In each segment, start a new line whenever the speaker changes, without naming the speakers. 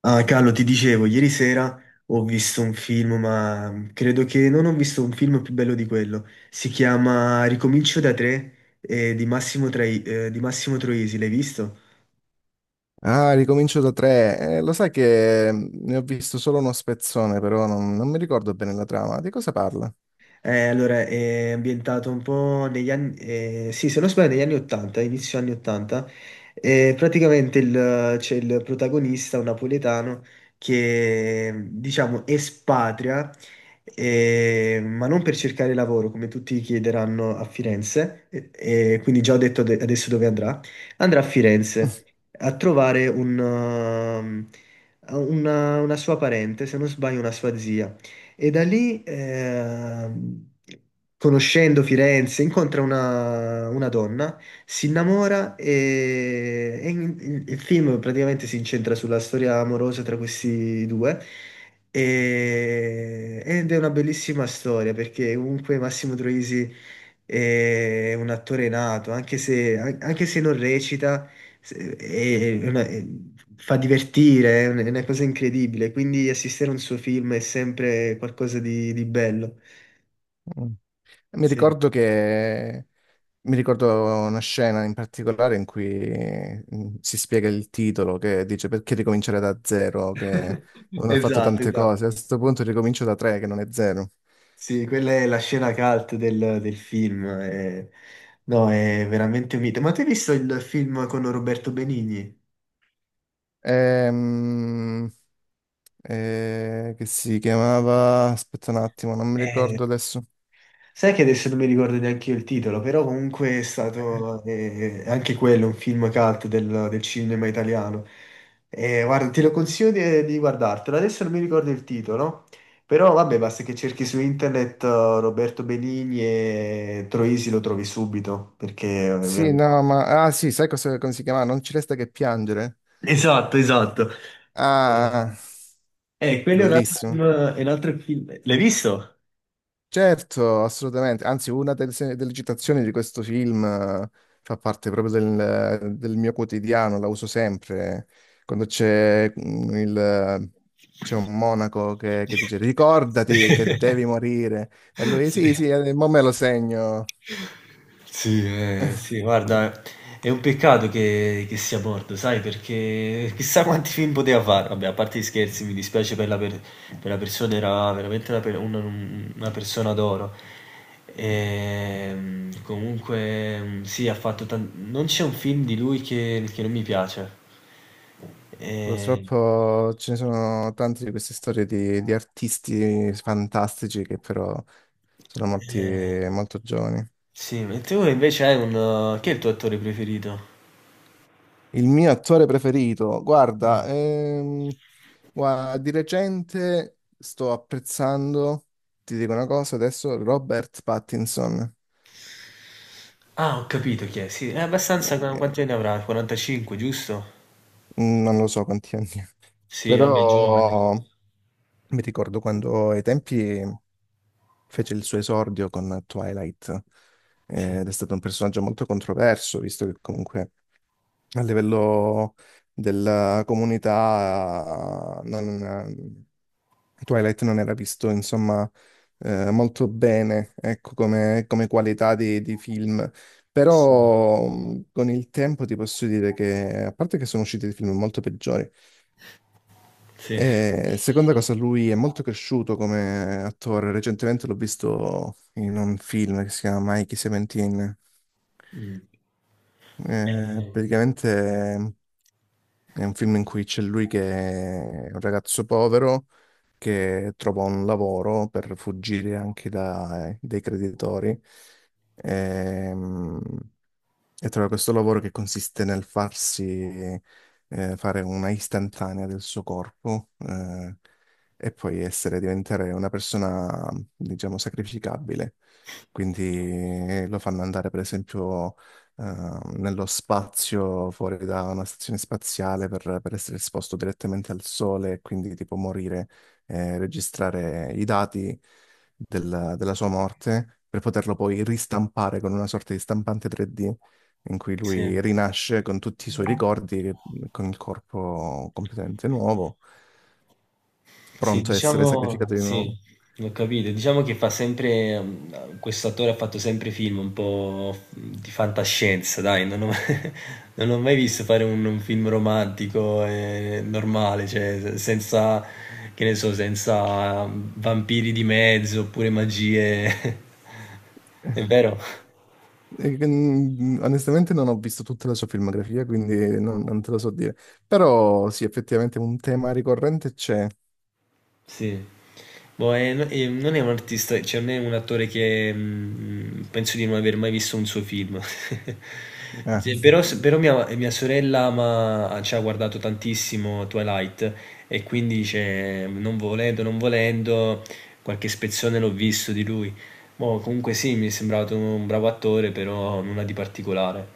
Ah, Carlo, ti dicevo, ieri sera ho visto un film, ma credo che non ho visto un film più bello di quello. Si chiama Ricomincio da tre, di Massimo Troisi, l'hai visto?
Ah, ricomincio da tre. Lo sai che ne ho visto solo uno spezzone, però non mi ricordo bene la trama. Di cosa parla?
Allora, è ambientato un po' negli anni, sì, se non sbaglio, negli anni 80, inizio anni 80. Praticamente c'è il protagonista, un napoletano, che diciamo espatria, ma non per cercare lavoro, come tutti chiederanno a Firenze, e quindi già ho detto adesso dove andrà. Andrà a Firenze a trovare un, una sua parente, se non sbaglio, una sua zia e da lì, conoscendo Firenze, incontra una donna, si innamora e il film praticamente si incentra sulla storia amorosa tra questi due. Ed è una bellissima storia perché comunque Massimo Troisi è un attore nato, anche se, anche se non recita, se- è una- è- fa divertire, è una cosa incredibile. Quindi assistere a un suo film è sempre qualcosa di bello.
Mm. Mi
Sì.
ricordo che... Mi ricordo una scena in particolare in cui si spiega il titolo, che dice perché ricominciare da zero, che non ho fatto
Esatto,
tante
esatto.
cose. A questo punto ricomincio da tre, che non è zero.
Sì, quella è la scena cult del, del film. No, è veramente un mito. Ma tu hai visto il film con Roberto Benigni?
Ehm, che si chiamava... Aspetta un attimo, non mi
Eh,
ricordo adesso.
Sai che adesso non mi ricordo neanche io il titolo, però comunque è stato anche quello un film cult del, del cinema italiano. E guarda, te lo consiglio di guardartelo. Adesso non mi ricordo il titolo, però vabbè, basta che cerchi su internet Roberto Benigni e Troisi lo trovi subito, perché è
Sì,
veramente...
no, ma... Ah, sì, sai cosa, come si chiama? Non ci resta che piangere.
Esatto, esatto.
Ah,
Eh, quello è un altro film.
bellissimo.
È un altro film. L'hai visto?
Certo, assolutamente. Anzi, una delle, delle citazioni di questo film fa parte proprio del, del mio quotidiano, la uso sempre. Quando c'è il... C'è un monaco che dice ricordati che devi morire. E lui,
Sì.
sì, sì, mo me lo segno.
Sì, sì, guarda, è un peccato che sia morto, sai, perché chissà quanti film poteva fare. Vabbè, a parte gli scherzi, mi dispiace per la persona, era veramente una persona d'oro. Comunque, mhmm, sì, ha fatto tan non c'è un film di lui che non mi piace. Ehm
Purtroppo ce ne sono tante di queste storie di artisti fantastici che però sono morti
Eh.
molto giovani.
Sì, ma tu invece hai un... chi è il tuo attore preferito?
Il mio attore preferito, guarda,
Mm.
di recente sto apprezzando, ti dico una cosa adesso, Robert Pattinson.
Ah, ho capito chi è, sì. È abbastanza...
Eh,
Quanti anni avrà? 45, giusto?
Non lo so quanti anni ha,
Sì, vabbè, giovane.
però mi ricordo quando ai tempi fece il suo esordio con Twilight,
Sì,
ed è stato un personaggio molto controverso, visto che comunque a livello della comunità Twilight non era visto, insomma, molto bene, ecco, come, come qualità di film.
sì,
Però con il tempo ti posso dire che, a parte che sono usciti dei film molto peggiori,
sì.
e seconda cosa, lui è molto cresciuto come attore. Recentemente l'ho visto in un film che si chiama Mikey Seventeen.
Mm. Eh,
Praticamente è un film in cui c'è lui che è un ragazzo povero che trova un lavoro per fuggire anche dai creditori. Ehm, e trova questo lavoro che consiste nel farsi fare una istantanea del suo corpo, e poi essere, diventare una persona, diciamo, sacrificabile. Quindi lo fanno andare, per esempio, nello spazio fuori da una stazione spaziale per essere esposto direttamente al sole e quindi tipo morire, registrare i dati della sua morte per poterlo poi ristampare con una sorta di stampante 3D in cui
sì.
lui rinasce con tutti i suoi ricordi, con il corpo completamente nuovo,
Sì,
pronto a essere
diciamo,
sacrificato di
sì,
nuovo.
l'ho capito. Diciamo che fa sempre, mm, questo attore ha fatto sempre film un po' di fantascienza, dai, non ho, non ho mai visto fare un film romantico e normale, cioè senza, che ne so, senza vampiri di mezzo oppure magie. È vero?
E, onestamente non ho visto tutta la sua filmografia, quindi non te lo so dire. Però sì, effettivamente un tema ricorrente c'è.
Sì. Boh, e non è un artista, cioè non è un attore che mm, penso di non aver mai visto un suo film.
Eh,
Sì, però, però mia, mia sorella ci ha guardato tantissimo Twilight e quindi cioè, non volendo, qualche spezzone l'ho visto di lui. Boh, comunque sì, mi è sembrato un bravo attore, però nulla di particolare.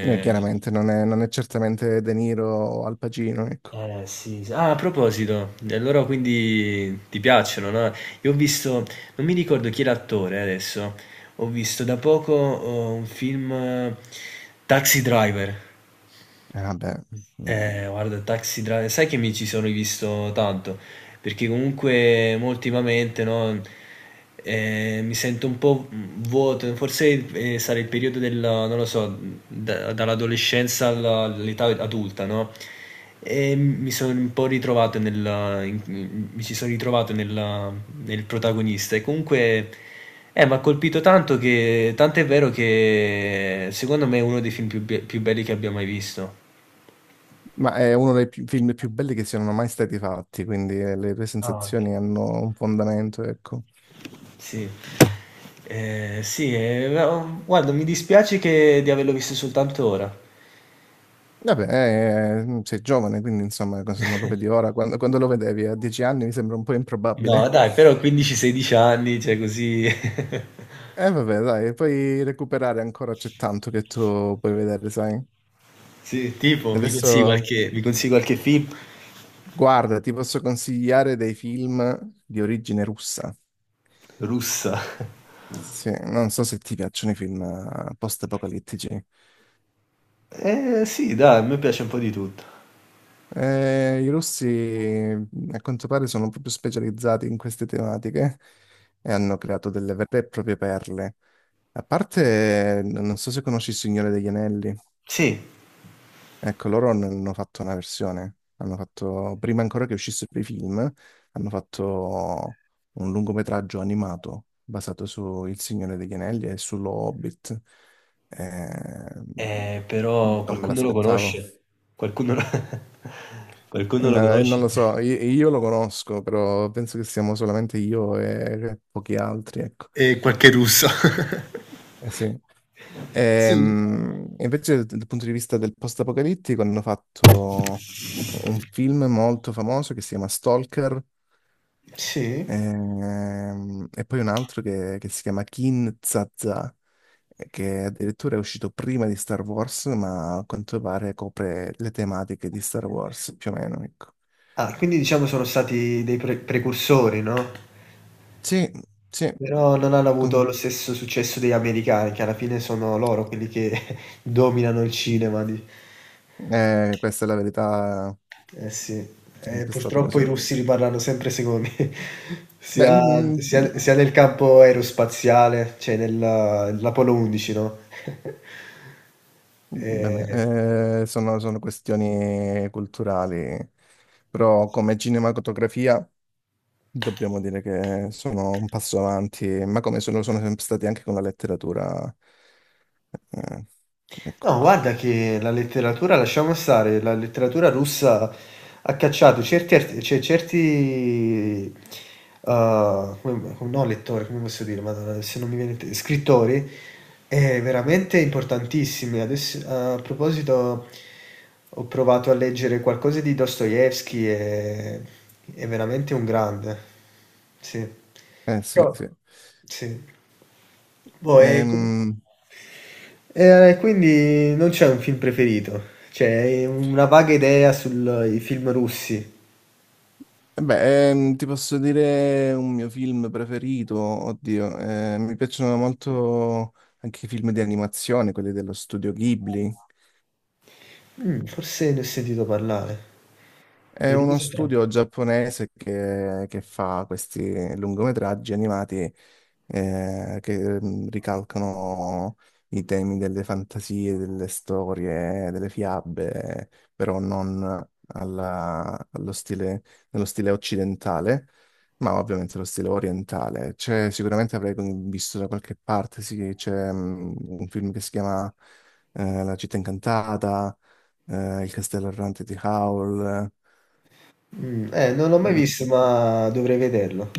chiaramente non è certamente De Niro o Al Pacino, ecco.
Eh sì, sì. Ah, a proposito, e allora quindi ti piacciono, no? Io ho visto, non mi ricordo chi è l'attore adesso, ho visto da poco un film Taxi Driver.
Vabbè, eh.
Guarda, Taxi Driver, sai che mi ci sono rivisto tanto, perché comunque mo ultimamente, no, mi sento un po' vuoto, forse sarà il periodo della, non lo so, dall'adolescenza all'età adulta, no? E mi sono un po' ritrovato nella, in- mi ci sono ritrovato nella- nel protagonista e comunque mi ha colpito tanto che, tanto è vero che secondo me è uno dei film più, più belli che abbia mai visto.
Ma è uno dei film più belli che siano mai stati fatti, quindi le tue
Ah, ok.
sensazioni hanno un fondamento, ecco.
Sì. Sì, no, guarda, mi dispiace che di averlo visto soltanto ora.
Vabbè, sei giovane, quindi insomma, se non lo vedi ora, quando, quando lo vedevi a 10 anni mi sembra un po'
No,
improbabile.
dai, però 15-16 anni, cioè così...
E vabbè, dai, puoi recuperare ancora, c'è tanto che tu puoi vedere, sai?
Sì, tipo,
Adesso,
mi consigli qualche film?
guarda, ti posso consigliare dei film di origine russa.
Russa.
Sì, non so se ti piacciono i film post-apocalittici.
Sì, dai, a me piace un po' di tutto.
I russi a quanto pare sono proprio specializzati in queste tematiche e hanno creato delle vere e proprie perle. A parte, non so se conosci Il Signore degli Anelli,
Sì,
ecco, loro ne hanno fatto una versione, hanno fatto, prima ancora che uscissero i film, hanno fatto un lungometraggio animato basato su Il Signore degli Anelli e sullo Hobbit. Eh,
però
non me
qualcuno lo
l'aspettavo.
conosce. Qualcuno lo... qualcuno lo
No, non
conosce.
lo so, io lo conosco, però penso che siamo solamente io e pochi altri, ecco.
E qualche russo.
Eh sì.
Sì.
Invece dal punto di vista del post-apocalittico hanno fatto un film molto famoso che si chiama Stalker,
Sì.
e poi un altro che si chiama Kin Zaza, che addirittura è uscito prima di Star Wars, ma a quanto pare copre le tematiche di Star Wars, più o meno, ecco.
Ah, quindi diciamo sono stati dei precursori, no?
Sì, sì,
Però non hanno avuto lo
con-
stesso successo degli americani, che alla fine sono loro quelli che dominano il cinema.
questa è la verità, è
Eh sì, eh,
sempre stato
purtroppo
così.
i russi li parlano sempre secondi,
Beh,
sia nel campo aerospaziale, cioè nell'Apollo 11, no? Eh,
vabbè, sono, sono questioni culturali, però come cinematografia dobbiamo dire che sono un passo avanti, ma come sono, sono sempre stati anche con la letteratura. eh, ecco,
No, guarda che la letteratura, lasciamo stare, la letteratura russa ha cacciato certi, cioè certi uh, no, lettori, come posso dire, madonna, se non mi viene scrittori, veramente importantissimi. Adesso, a proposito, ho provato a leggere qualcosa di Dostoevsky e è veramente un grande, sì.
sì,
Però,
sì.
sì. Boh,
Ehm,
e quindi non c'è un film preferito, c'è una vaga idea sui film russi.
E beh, ti posso dire un mio film preferito, oddio, mi piacciono molto anche i film di animazione, quelli dello studio Ghibli.
Mm, forse ne ho sentito parlare.
È
E di
uno
cosa tratta?
studio giapponese che fa questi lungometraggi animati che ricalcano i temi delle fantasie, delle storie, delle fiabe, però non allo stile, nello stile occidentale, ma ovviamente lo stile orientale. C'è, sicuramente avrei visto da qualche parte, sì, c'è un film che si chiama La città incantata, Il castello errante di Howl.
Mm, non l'ho mai visto, ma dovrei vederlo.